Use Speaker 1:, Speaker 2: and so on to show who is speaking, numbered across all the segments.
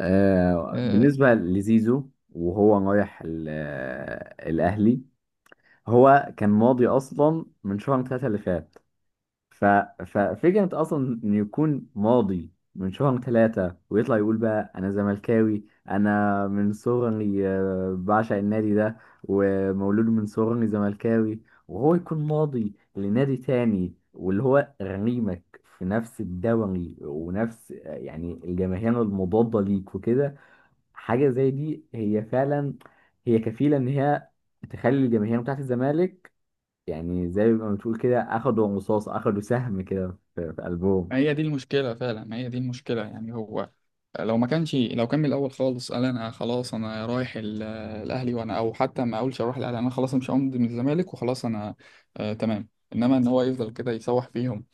Speaker 1: آه،
Speaker 2: بالنسبة لزيزو وهو رايح الأهلي. هو كان ماضي أصلا من شهر ثلاثة اللي فات. ف- ففكرة أصلا إنه يكون ماضي من شهر ثلاثة ويطلع يقول بقى أنا زملكاوي. أنا من صغري بعشق النادي ده، ومولود من صغري زملكاوي، وهو يكون ماضي لنادي تاني واللي هو غريمك في نفس الدوري ونفس يعني الجماهير المضادة ليك وكده. حاجة زي دي هي فعلا، هي كفيلة إن هي تخلي الجماهير بتاعت الزمالك، يعني زي ما بتقول كده أخدوا رصاص، أخدوا سهم كده في قلبهم.
Speaker 1: ما هي دي المشكلة فعلا، ما هي دي المشكلة. يعني هو لو ما كانش لو كان من الأول خالص قال، أنا خلاص أنا رايح الأهلي، وأنا أو حتى ما أقولش أروح الأهلي، أنا خلاص مش همضي من الزمالك وخلاص أنا. آه تمام. إنما إن هو يفضل كده يسوح فيهم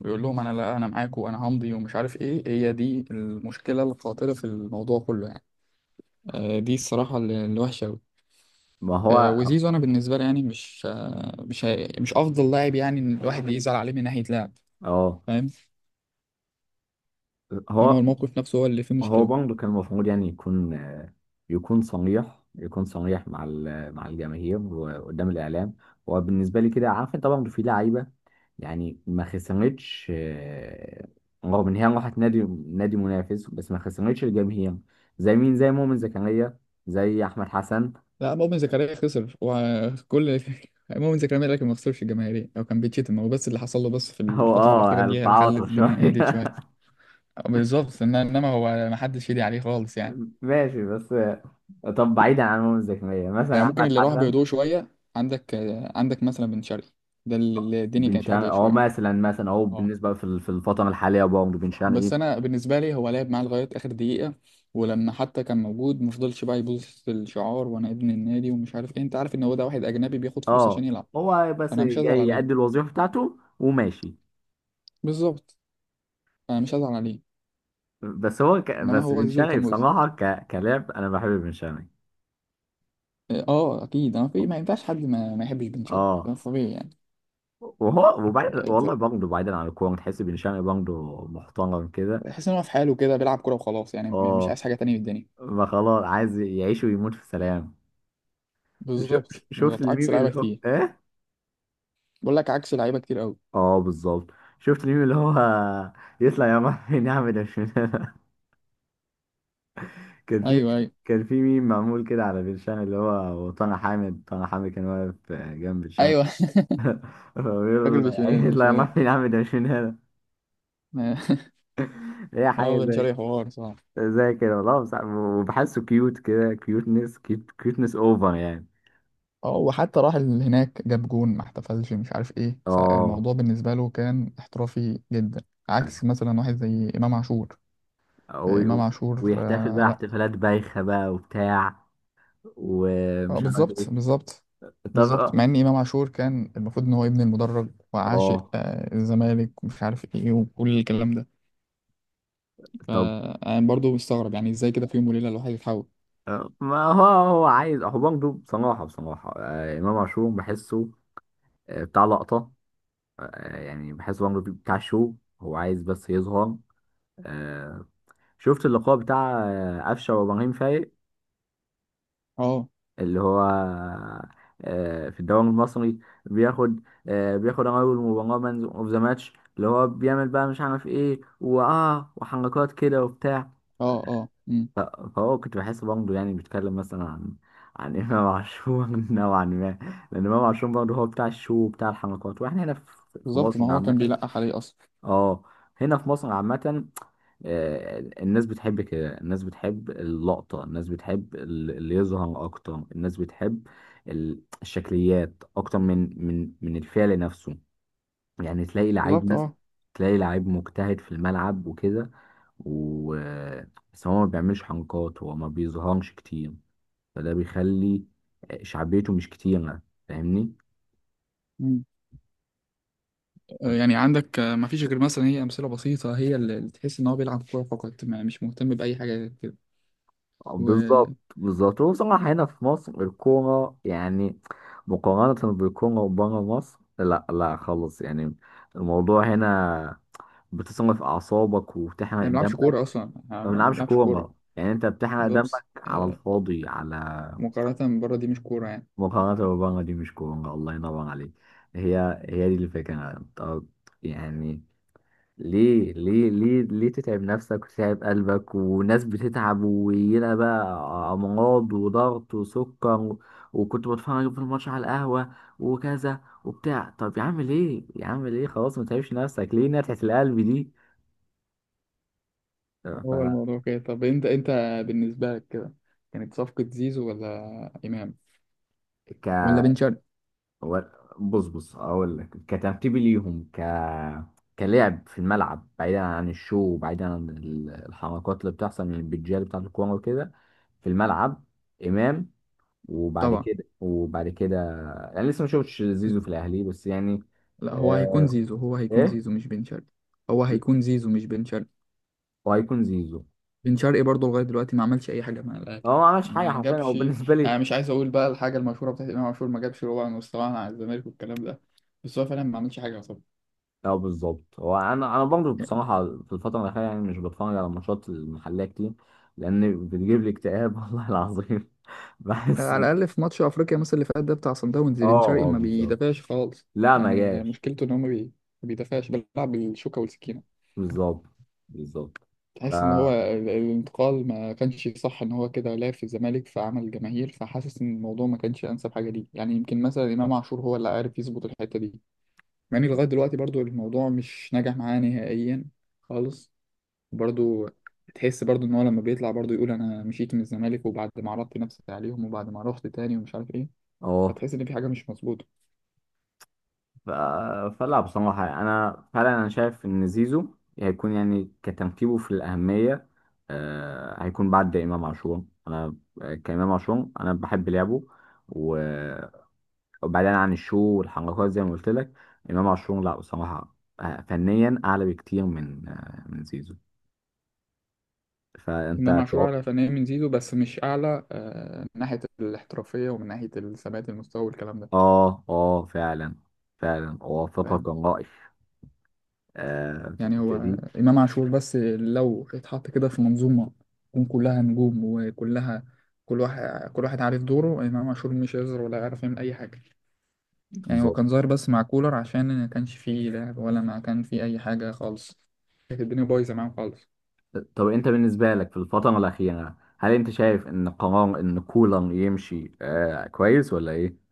Speaker 1: ويقول لهم، أنا لا أنا معاكم وأنا همضي ومش عارف إيه. هي دي المشكلة القاتلة في الموضوع كله يعني. آه، دي الصراحة الوحشة أوي.
Speaker 2: ما هو
Speaker 1: آه، وزيزو أنا بالنسبة لي يعني مش آه مش هي- مش أفضل لاعب، يعني إن الواحد يزعل عليه من ناحية لعب،
Speaker 2: اه.
Speaker 1: فاهم. إنما هو
Speaker 2: هو
Speaker 1: الموقف نفسه هو اللي فيه
Speaker 2: هو
Speaker 1: مشكلة.
Speaker 2: برضه كان المفروض يعني يكون يكون صريح، يكون صريح مع مع الجماهير وقدام الاعلام. هو بالنسبه لي كده عارف انت برضه في لعيبه يعني ما خسرتش، رغم ان هي راحت نادي منافس، بس ما خسرتش الجماهير، زي مين، زي مؤمن زكريا، زي احمد حسن.
Speaker 1: لا، مؤمن زكريا خسر وكل مؤمن زكريا، لكن ما خسرش الجماهيرية او كان بيتشتم هو بس. اللي حصل له بس في
Speaker 2: هو
Speaker 1: الفترة الأخيرة
Speaker 2: اه،
Speaker 1: دي هي اللي خلت
Speaker 2: التعاطف
Speaker 1: الدنيا
Speaker 2: شويه.
Speaker 1: هديت شوية. بالظبط. انما هو ما حدش يدي عليه خالص يعني.
Speaker 2: ماشي، بس طب بعيدا عن مؤمن زكريا
Speaker 1: يعني
Speaker 2: مثلا
Speaker 1: ممكن
Speaker 2: احمد
Speaker 1: اللي راح
Speaker 2: حسن.
Speaker 1: بهدوء شوية. عندك عندك مثلا بن شرقي، ده اللي الدنيا
Speaker 2: بن
Speaker 1: كانت
Speaker 2: شرقي،
Speaker 1: هادية
Speaker 2: هو
Speaker 1: شوية.
Speaker 2: مثلا هو
Speaker 1: اه،
Speaker 2: بالنسبه في الفتره الحاليه برضه بن شرقي.
Speaker 1: بس انا بالنسبة لي هو لعب معاه لغاية آخر دقيقة، ولما حتى كان موجود ما فضلش بقى يبوظ في الشعار وانا ابن النادي ومش عارف ايه. انت عارف ان هو ده واحد اجنبي بياخد فلوس عشان
Speaker 2: اه
Speaker 1: يلعب،
Speaker 2: هو بس
Speaker 1: فانا مش هزعل
Speaker 2: جاي يأدي
Speaker 1: عليه.
Speaker 2: الوظيفة بتاعته وماشي.
Speaker 1: بالظبط، انا مش هزعل عليه. انما
Speaker 2: بس
Speaker 1: هو
Speaker 2: بن
Speaker 1: زيزو اللي
Speaker 2: شرقي
Speaker 1: كان مؤذي.
Speaker 2: بصراحة كلاعب أنا بحب بن شرقي.
Speaker 1: اه، آه، اكيد، انا في ما ينفعش حد ما يحبش بن شرقي،
Speaker 2: اه
Speaker 1: ده طبيعي يعني.
Speaker 2: وهو وبعد والله
Speaker 1: آه،
Speaker 2: برضه بعيدا عن الكورة، تحس بن شرقي برضه محترم كده.
Speaker 1: تحس ان هو في حاله كده بيلعب كوره وخلاص، يعني مش
Speaker 2: اه،
Speaker 1: عايز حاجه تانية من الدنيا.
Speaker 2: ما خلاص عايز يعيش ويموت في سلام. شو...
Speaker 1: بالظبط
Speaker 2: شفت
Speaker 1: بالظبط،
Speaker 2: الميم
Speaker 1: عكس لعيبه
Speaker 2: اللي هو
Speaker 1: كتير.
Speaker 2: ايه؟
Speaker 1: بقول لك عكس لعيبه كتير قوي.
Speaker 2: اه بالظبط، شفت الميم اللي هو يطلع يا عم نعمل ده. كان في
Speaker 1: ايوه ايوه
Speaker 2: كان في ميم معمول كده على بير شان، اللي هو وطنع حامد، طنع حامد كان واقف جنب بير شان.
Speaker 1: ايوه.
Speaker 2: فبيقول
Speaker 1: راجل
Speaker 2: له
Speaker 1: مش
Speaker 2: يا عيني
Speaker 1: مننا، مش
Speaker 2: الله،
Speaker 1: مننا.
Speaker 2: يروح فين يا عم ده مش من هنا. هي حاجة
Speaker 1: هو بن
Speaker 2: زي
Speaker 1: شرقي حوار صح.
Speaker 2: زي كده والله، بس- وبحسه كيوت كده، كيوتنس اوفر يعني.
Speaker 1: اه، وحتى راح هناك جاب جون ما احتفلش مش عارف ايه،
Speaker 2: اه
Speaker 1: فالموضوع بالنسبه له كان احترافي جدا. عكس مثلا واحد زي امام عاشور. امام
Speaker 2: و-
Speaker 1: عاشور،
Speaker 2: ويحتفل
Speaker 1: آه،
Speaker 2: بقى
Speaker 1: لا.
Speaker 2: احتفالات بايخة بقى وبتاع
Speaker 1: اه،
Speaker 2: ومش عارف
Speaker 1: بالظبط
Speaker 2: ايه.
Speaker 1: بالظبط.
Speaker 2: طب
Speaker 1: بالظبط،
Speaker 2: اه،
Speaker 1: مع ان امام عاشور كان المفروض ان هو ابن المدرج وعاشق
Speaker 2: آه.
Speaker 1: الزمالك ومش عارف ايه وكل الكلام ده.
Speaker 2: طب
Speaker 1: فانا برضو مستغرب يعني ازاي كده في يوم وليله الواحد يتحول.
Speaker 2: ما هو هو عايز، هو برضه بصراحة بصراحة، إمام عاشور بحسه بتاع لقطة، يعني بحس عمرو دياب بتاع شو، هو عايز بس يظهر. آه، شفت اللقاء بتاع أفشة وإبراهيم فايق،
Speaker 1: اه،
Speaker 2: اللي هو في الدوري المصري، بياخد بياخد أول مباراة مان أوف ذا ماتش، اللي هو بيعمل بقى مش عارف إيه وآه وحركات كده وبتاع.
Speaker 1: اه، اه. مم.
Speaker 2: ف- فهو كنت بحس برضه يعني بيتكلم مثلا عن عن إمام عاشور نوعا ما، لأن إمام عاشور برضه هو بتاع الشو وبتاع الحركات، وإحنا هنا في في
Speaker 1: بالظبط، ما
Speaker 2: مصر
Speaker 1: هو كان
Speaker 2: عامة.
Speaker 1: بيلقح عليه اصلا.
Speaker 2: اه، هنا في مصر عامة. الناس بتحب كده، الناس بتحب اللقطة، الناس بتحب اللي يظهر أكتر، الناس بتحب الشكليات أكتر من الفعل نفسه. يعني تلاقي لعيب
Speaker 1: بالظبط.
Speaker 2: مثلا،
Speaker 1: اه.
Speaker 2: تلاقي لعيب مجتهد في الملعب وكده، و بس هو ما بيعملش حنكات، هو ما بيظهرش كتير، فده بيخلي شعبيته مش كتيرة. فاهمني.
Speaker 1: مم. آه، يعني عندك، ما فيش غير مثلا هي امثله بسيطه، هي اللي تحس ان هو بيلعب كوره فقط، ما يعني مش مهتم باي حاجه غير كده. و
Speaker 2: بالظبط
Speaker 1: يعني
Speaker 2: بالظبط، هو بصراحة هنا في مصر الكورة يعني مقارنة بالكورة بره مصر لا لا خالص يعني. الموضوع هنا بتصرف أعصابك وبتحرق
Speaker 1: ما بيلعبش
Speaker 2: دمك.
Speaker 1: كوره اصلا،
Speaker 2: ما
Speaker 1: ما
Speaker 2: بنلعبش
Speaker 1: بيلعبش كوره.
Speaker 2: كورة، يعني أنت بتحرق دمك
Speaker 1: بالظبط،
Speaker 2: على
Speaker 1: آه،
Speaker 2: الفاضي، على
Speaker 1: مقارنه بره دي مش كوره يعني.
Speaker 2: مقارنة بره دي مش كورة، الله ينور عليك. هي هي دي الفكرة. طب يعني ليه ليه ليه ليه تتعب نفسك وتتعب قلبك، وناس بتتعب ويلا بقى أمراض وضغط وسكر وكنت بتفرج في الماتش على القهوة وكذا وبتاع. طب يا عم ليه، يا عم ليه، خلاص ما تتعبش نفسك، ليه نتعة القلب دي؟ ف
Speaker 1: هو الموضوع كده. طب انت بالنسبة لك كده كانت صفقة زيزو ولا إمام
Speaker 2: ك
Speaker 1: ولا بن شرقي.
Speaker 2: و- بص بص، أقول لك كترتيبي ليهم، كلعب في الملعب بعيدا عن الشو وبعيدا عن الحركات اللي بتحصل من البتجال بتاعة الكورة وكده، في الملعب إمام. وبعد
Speaker 1: طبعا.
Speaker 2: كده وبعد كده، يعني لسه ما شفتش زيزو في الاهلي بس يعني.
Speaker 1: لا، هو هيكون
Speaker 2: آه
Speaker 1: زيزو هو هيكون
Speaker 2: ايه،
Speaker 1: زيزو مش بن شرقي. هو هيكون زيزو مش بن شرقي.
Speaker 2: وهيكون زيزو.
Speaker 1: بن شرقي برضه لغاية دلوقتي ما عملش أي حاجة مع الأهلي.
Speaker 2: هو ما عملش حاجه
Speaker 1: ما
Speaker 2: حرفيا، هو
Speaker 1: جابش،
Speaker 2: بالنسبه
Speaker 1: يعني
Speaker 2: لي.
Speaker 1: مش عايز أقول بقى الحاجة المشهورة بتاعت إمام عاشور، ما جابش ربع مستواه مع الزمالك والكلام ده، بس هو فعلا ما عملش حاجة طبعا.
Speaker 2: اه بالظبط، هو انا برضه بصراحه في الفتره الاخيره يعني مش بتفرج على ماتشات المحليه كتير، لان بتجيب لي اكتئاب والله العظيم. بحس
Speaker 1: على الأقل في ماتش أفريقيا مثلا اللي فات ده بتاع صن داونز، بن
Speaker 2: اه
Speaker 1: شرقي
Speaker 2: اه
Speaker 1: ما
Speaker 2: بالظبط.
Speaker 1: بيدافعش خالص.
Speaker 2: لا ما
Speaker 1: يعني
Speaker 2: جاش.
Speaker 1: مشكلته إن هو ما بيدافعش، بيلعب بالشوكة والسكينة.
Speaker 2: بالظبط بالظبط.
Speaker 1: تحس ان هو
Speaker 2: فا
Speaker 1: الانتقال ما كانش صح، ان هو كده لعب في الزمالك فعمل جماهير، فحاسس ان الموضوع ما كانش انسب حاجه ليه. يعني يمكن مثلا امام عاشور هو اللي عارف يظبط الحته دي، مع ان لغايه دلوقتي برضو الموضوع مش ناجح معاه نهائيا خالص. برضو تحس برضو ان هو لما بيطلع برضو يقول، انا مشيت من الزمالك وبعد ما عرضت نفسي عليهم وبعد ما رحت تاني ومش عارف ايه،
Speaker 2: اه
Speaker 1: فتحس ان في حاجه مش مظبوطه.
Speaker 2: ف... فلا بصراحة يعني أنا فعلا أنا شايف إن زيزو هيكون يعني كترتيبه في الأهمية، آه هيكون بعد إمام عاشور أنا. كإمام عاشور أنا بحب لعبه، و- وبعيدا عن الشو والحركات زي ما قلت لك. إمام عاشور لا بصراحة فنيا أعلى بكتير من من زيزو.
Speaker 1: امام
Speaker 2: فأنت
Speaker 1: عاشور
Speaker 2: تو-
Speaker 1: اعلى فنيا من زيزو، بس مش اعلى، من ناحيه الاحترافيه ومن ناحيه ثبات المستوى والكلام ده،
Speaker 2: آه آه فعلا، فعلا أوافقك
Speaker 1: فاهم؟
Speaker 2: الرأي. آه في
Speaker 1: يعني هو
Speaker 2: الحتة دي
Speaker 1: إمام عاشور بس لو اتحط كده في منظومة تكون كلها نجوم، وكلها كل واحد كل واحد عارف دوره، إمام عاشور مش هيظهر ولا هيعرف يعمل أي حاجة. يعني هو
Speaker 2: بالظبط.
Speaker 1: كان ظاهر بس مع كولر عشان ما كانش فيه لعب ولا ما كان فيه أي حاجة خالص، كانت الدنيا بايظة معاهم خالص.
Speaker 2: طب انت بالنسبة لك في الفترة الأخيرة، هل انت شايف ان قرار ان كولر يمشي آه كويس ولا ايه؟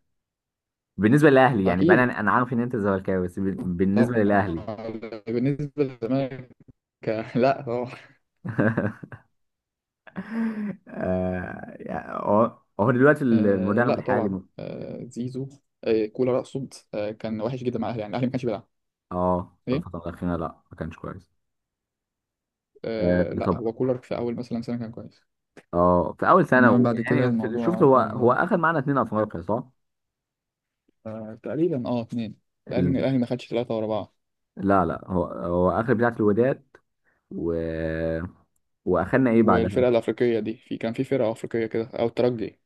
Speaker 2: بالنسبة للأهلي يعني بقى،
Speaker 1: أكيد.
Speaker 2: انا أنا عارف ان انت زملكاوي بس
Speaker 1: طب
Speaker 2: بالنسبة للأهلي.
Speaker 1: بالنسبة للزمالك لا طبعا.
Speaker 2: آه يعني هو دلوقتي
Speaker 1: آه،
Speaker 2: المدرب
Speaker 1: لا
Speaker 2: الحالي
Speaker 1: طبعا. زيزو، كولر أقصد، كان وحش جدا مع الأهلي، يعني الأهلي ما كانش بيلعب
Speaker 2: اه في
Speaker 1: إيه.
Speaker 2: الفترة الأخيرة لا ما كانش كويس. آه
Speaker 1: آه، لا،
Speaker 2: طب
Speaker 1: هو كولر في أول مثلا سنة كان كويس،
Speaker 2: اه في أول سنة
Speaker 1: انما بعد كده
Speaker 2: شفت،
Speaker 1: الموضوع
Speaker 2: هو
Speaker 1: كان
Speaker 2: هو
Speaker 1: واحد.
Speaker 2: أخذ معانا اتنين أفريقيا صح؟
Speaker 1: آه، تقريبا اه اتنين. الاهلي
Speaker 2: ال...
Speaker 1: الاهلي ما خدش ثلاثة ورا بعض.
Speaker 2: لا لا، هو أخذ بتاعة الوداد و... وأخدنا ايه بعدها؟
Speaker 1: والفرقة الافريقية دي في فرقة افريقية كده او الترجي.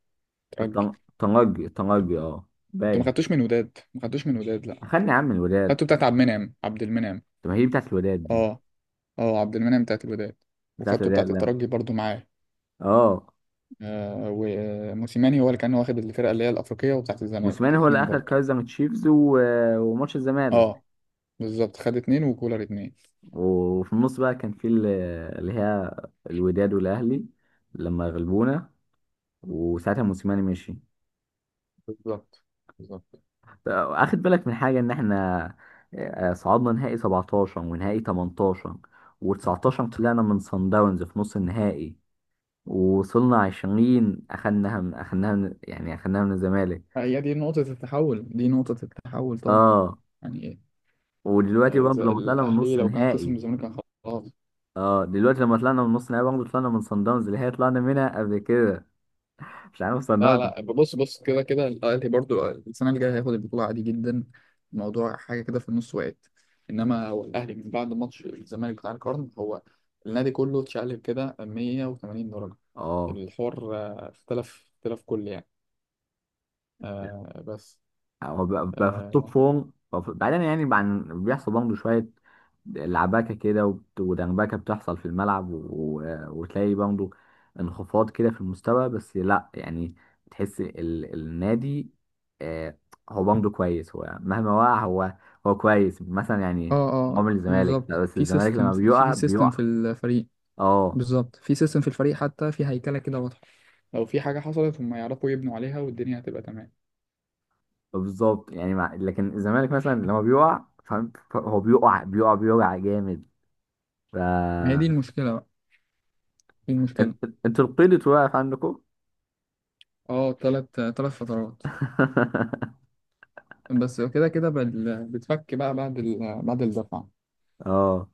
Speaker 1: ترجي.
Speaker 2: طنجي طنجي اه
Speaker 1: انتوا ما
Speaker 2: باين كده.
Speaker 1: خدتوش من وداد، ما خدتوش من وداد لا.
Speaker 2: اخدني يا عم الولاد.
Speaker 1: خدتوا بتاعت عبد المنعم، عبد المنعم.
Speaker 2: طب ما هي بتاعت الولاد دي،
Speaker 1: اه. اه، عبد المنعم بتاعت الوداد،
Speaker 2: بتاعت
Speaker 1: وخدتوا
Speaker 2: الولاد
Speaker 1: بتاعت
Speaker 2: لا.
Speaker 1: الترجي برضو معاه.
Speaker 2: اه
Speaker 1: آه، وموسيماني هو اللي كان واخد الفرقة اللي هي الافريقية وبتاعت الزمالك،
Speaker 2: موسيماني هو اللي
Speaker 1: اتنين
Speaker 2: اخد
Speaker 1: برضو.
Speaker 2: كايزر من تشيفز وماتش الزمالك.
Speaker 1: اه بالظبط، خد اتنين وكولر اتنين.
Speaker 2: وفي النص بقى كان اللي هي الوداد والاهلي لما غلبونا، وساعتها موسيماني مشي.
Speaker 1: بالظبط بالظبط،
Speaker 2: اخد بالك من حاجه ان احنا صعدنا نهائي 17 ونهائي 18، و19 طلعنا من صن داونز في نص النهائي، ووصلنا 20 اخدناها من اخدناها من يعني اخدناها من الزمالك.
Speaker 1: هي دي نقطة التحول، دي نقطة التحول طبعا.
Speaker 2: اه
Speaker 1: يعني
Speaker 2: ودلوقتي برضه
Speaker 1: إذا
Speaker 2: لما طلعنا من
Speaker 1: الاهلي
Speaker 2: نص
Speaker 1: لو كان خسر من
Speaker 2: نهائي.
Speaker 1: الزمالك كان خلاص.
Speaker 2: اه دلوقتي لما طلعنا من نص نهائي برضه طلعنا من صن داونز، اللي هي طلعنا منها قبل كده مش عارف صن
Speaker 1: لا
Speaker 2: داونز.
Speaker 1: لا، بص بص، كده كده الاهلي برضو السنه اللي جايه هياخد البطوله عادي جدا. الموضوع حاجه كده في النص وقت. انما هو الاهلي من بعد ماتش الزمالك بتاع القرن، هو النادي كله اتشقلب كده 180 درجه.
Speaker 2: اه
Speaker 1: الحوار آه، اختلف كل يعني. آه بس.
Speaker 2: هو بقى في التوب
Speaker 1: آه.
Speaker 2: فورم بقى بعيدا يعني عن بيحصل برضه شوية لعبكة كده وبت- ودنبكة بتحصل في الملعب و... و- وتلاقي برضه انخفاض كده في المستوى، بس لا يعني تحس النادي آه هو برضه كويس، هو مهما وقع هو، هو كويس مثلا يعني.
Speaker 1: اه اه،
Speaker 2: عمر الزمالك لا،
Speaker 1: بالظبط
Speaker 2: بس
Speaker 1: في
Speaker 2: الزمالك
Speaker 1: سيستم،
Speaker 2: لما
Speaker 1: في
Speaker 2: بيقع
Speaker 1: في سيستم في
Speaker 2: بيقع.
Speaker 1: الفريق.
Speaker 2: اه
Speaker 1: بالظبط في سيستم في الفريق، حتى في هيكلة كده واضحة، لو في حاجه حصلت هم يعرفوا يبنوا عليها والدنيا هتبقى تمام.
Speaker 2: بالظبط يعني لكن الزمالك مثلا لما بيقع فاهم؟ هو بيقع بيقع بيقع جامد. ف
Speaker 1: ما هي دي المشكلة بقى، دي المشكلة.
Speaker 2: انت انت القيد واقف عندكم.
Speaker 1: اه، تلات فترات. بس كده كده بتفك بقى بعد الدفعة.
Speaker 2: اه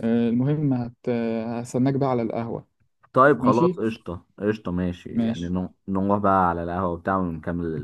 Speaker 1: آه، المهم هستناك بقى على القهوة.
Speaker 2: طيب خلاص
Speaker 1: ماشي
Speaker 2: قشطة قشطة ماشي، يعني
Speaker 1: ماشي.
Speaker 2: نروح بقى على القهوة وبتاع ونكمل.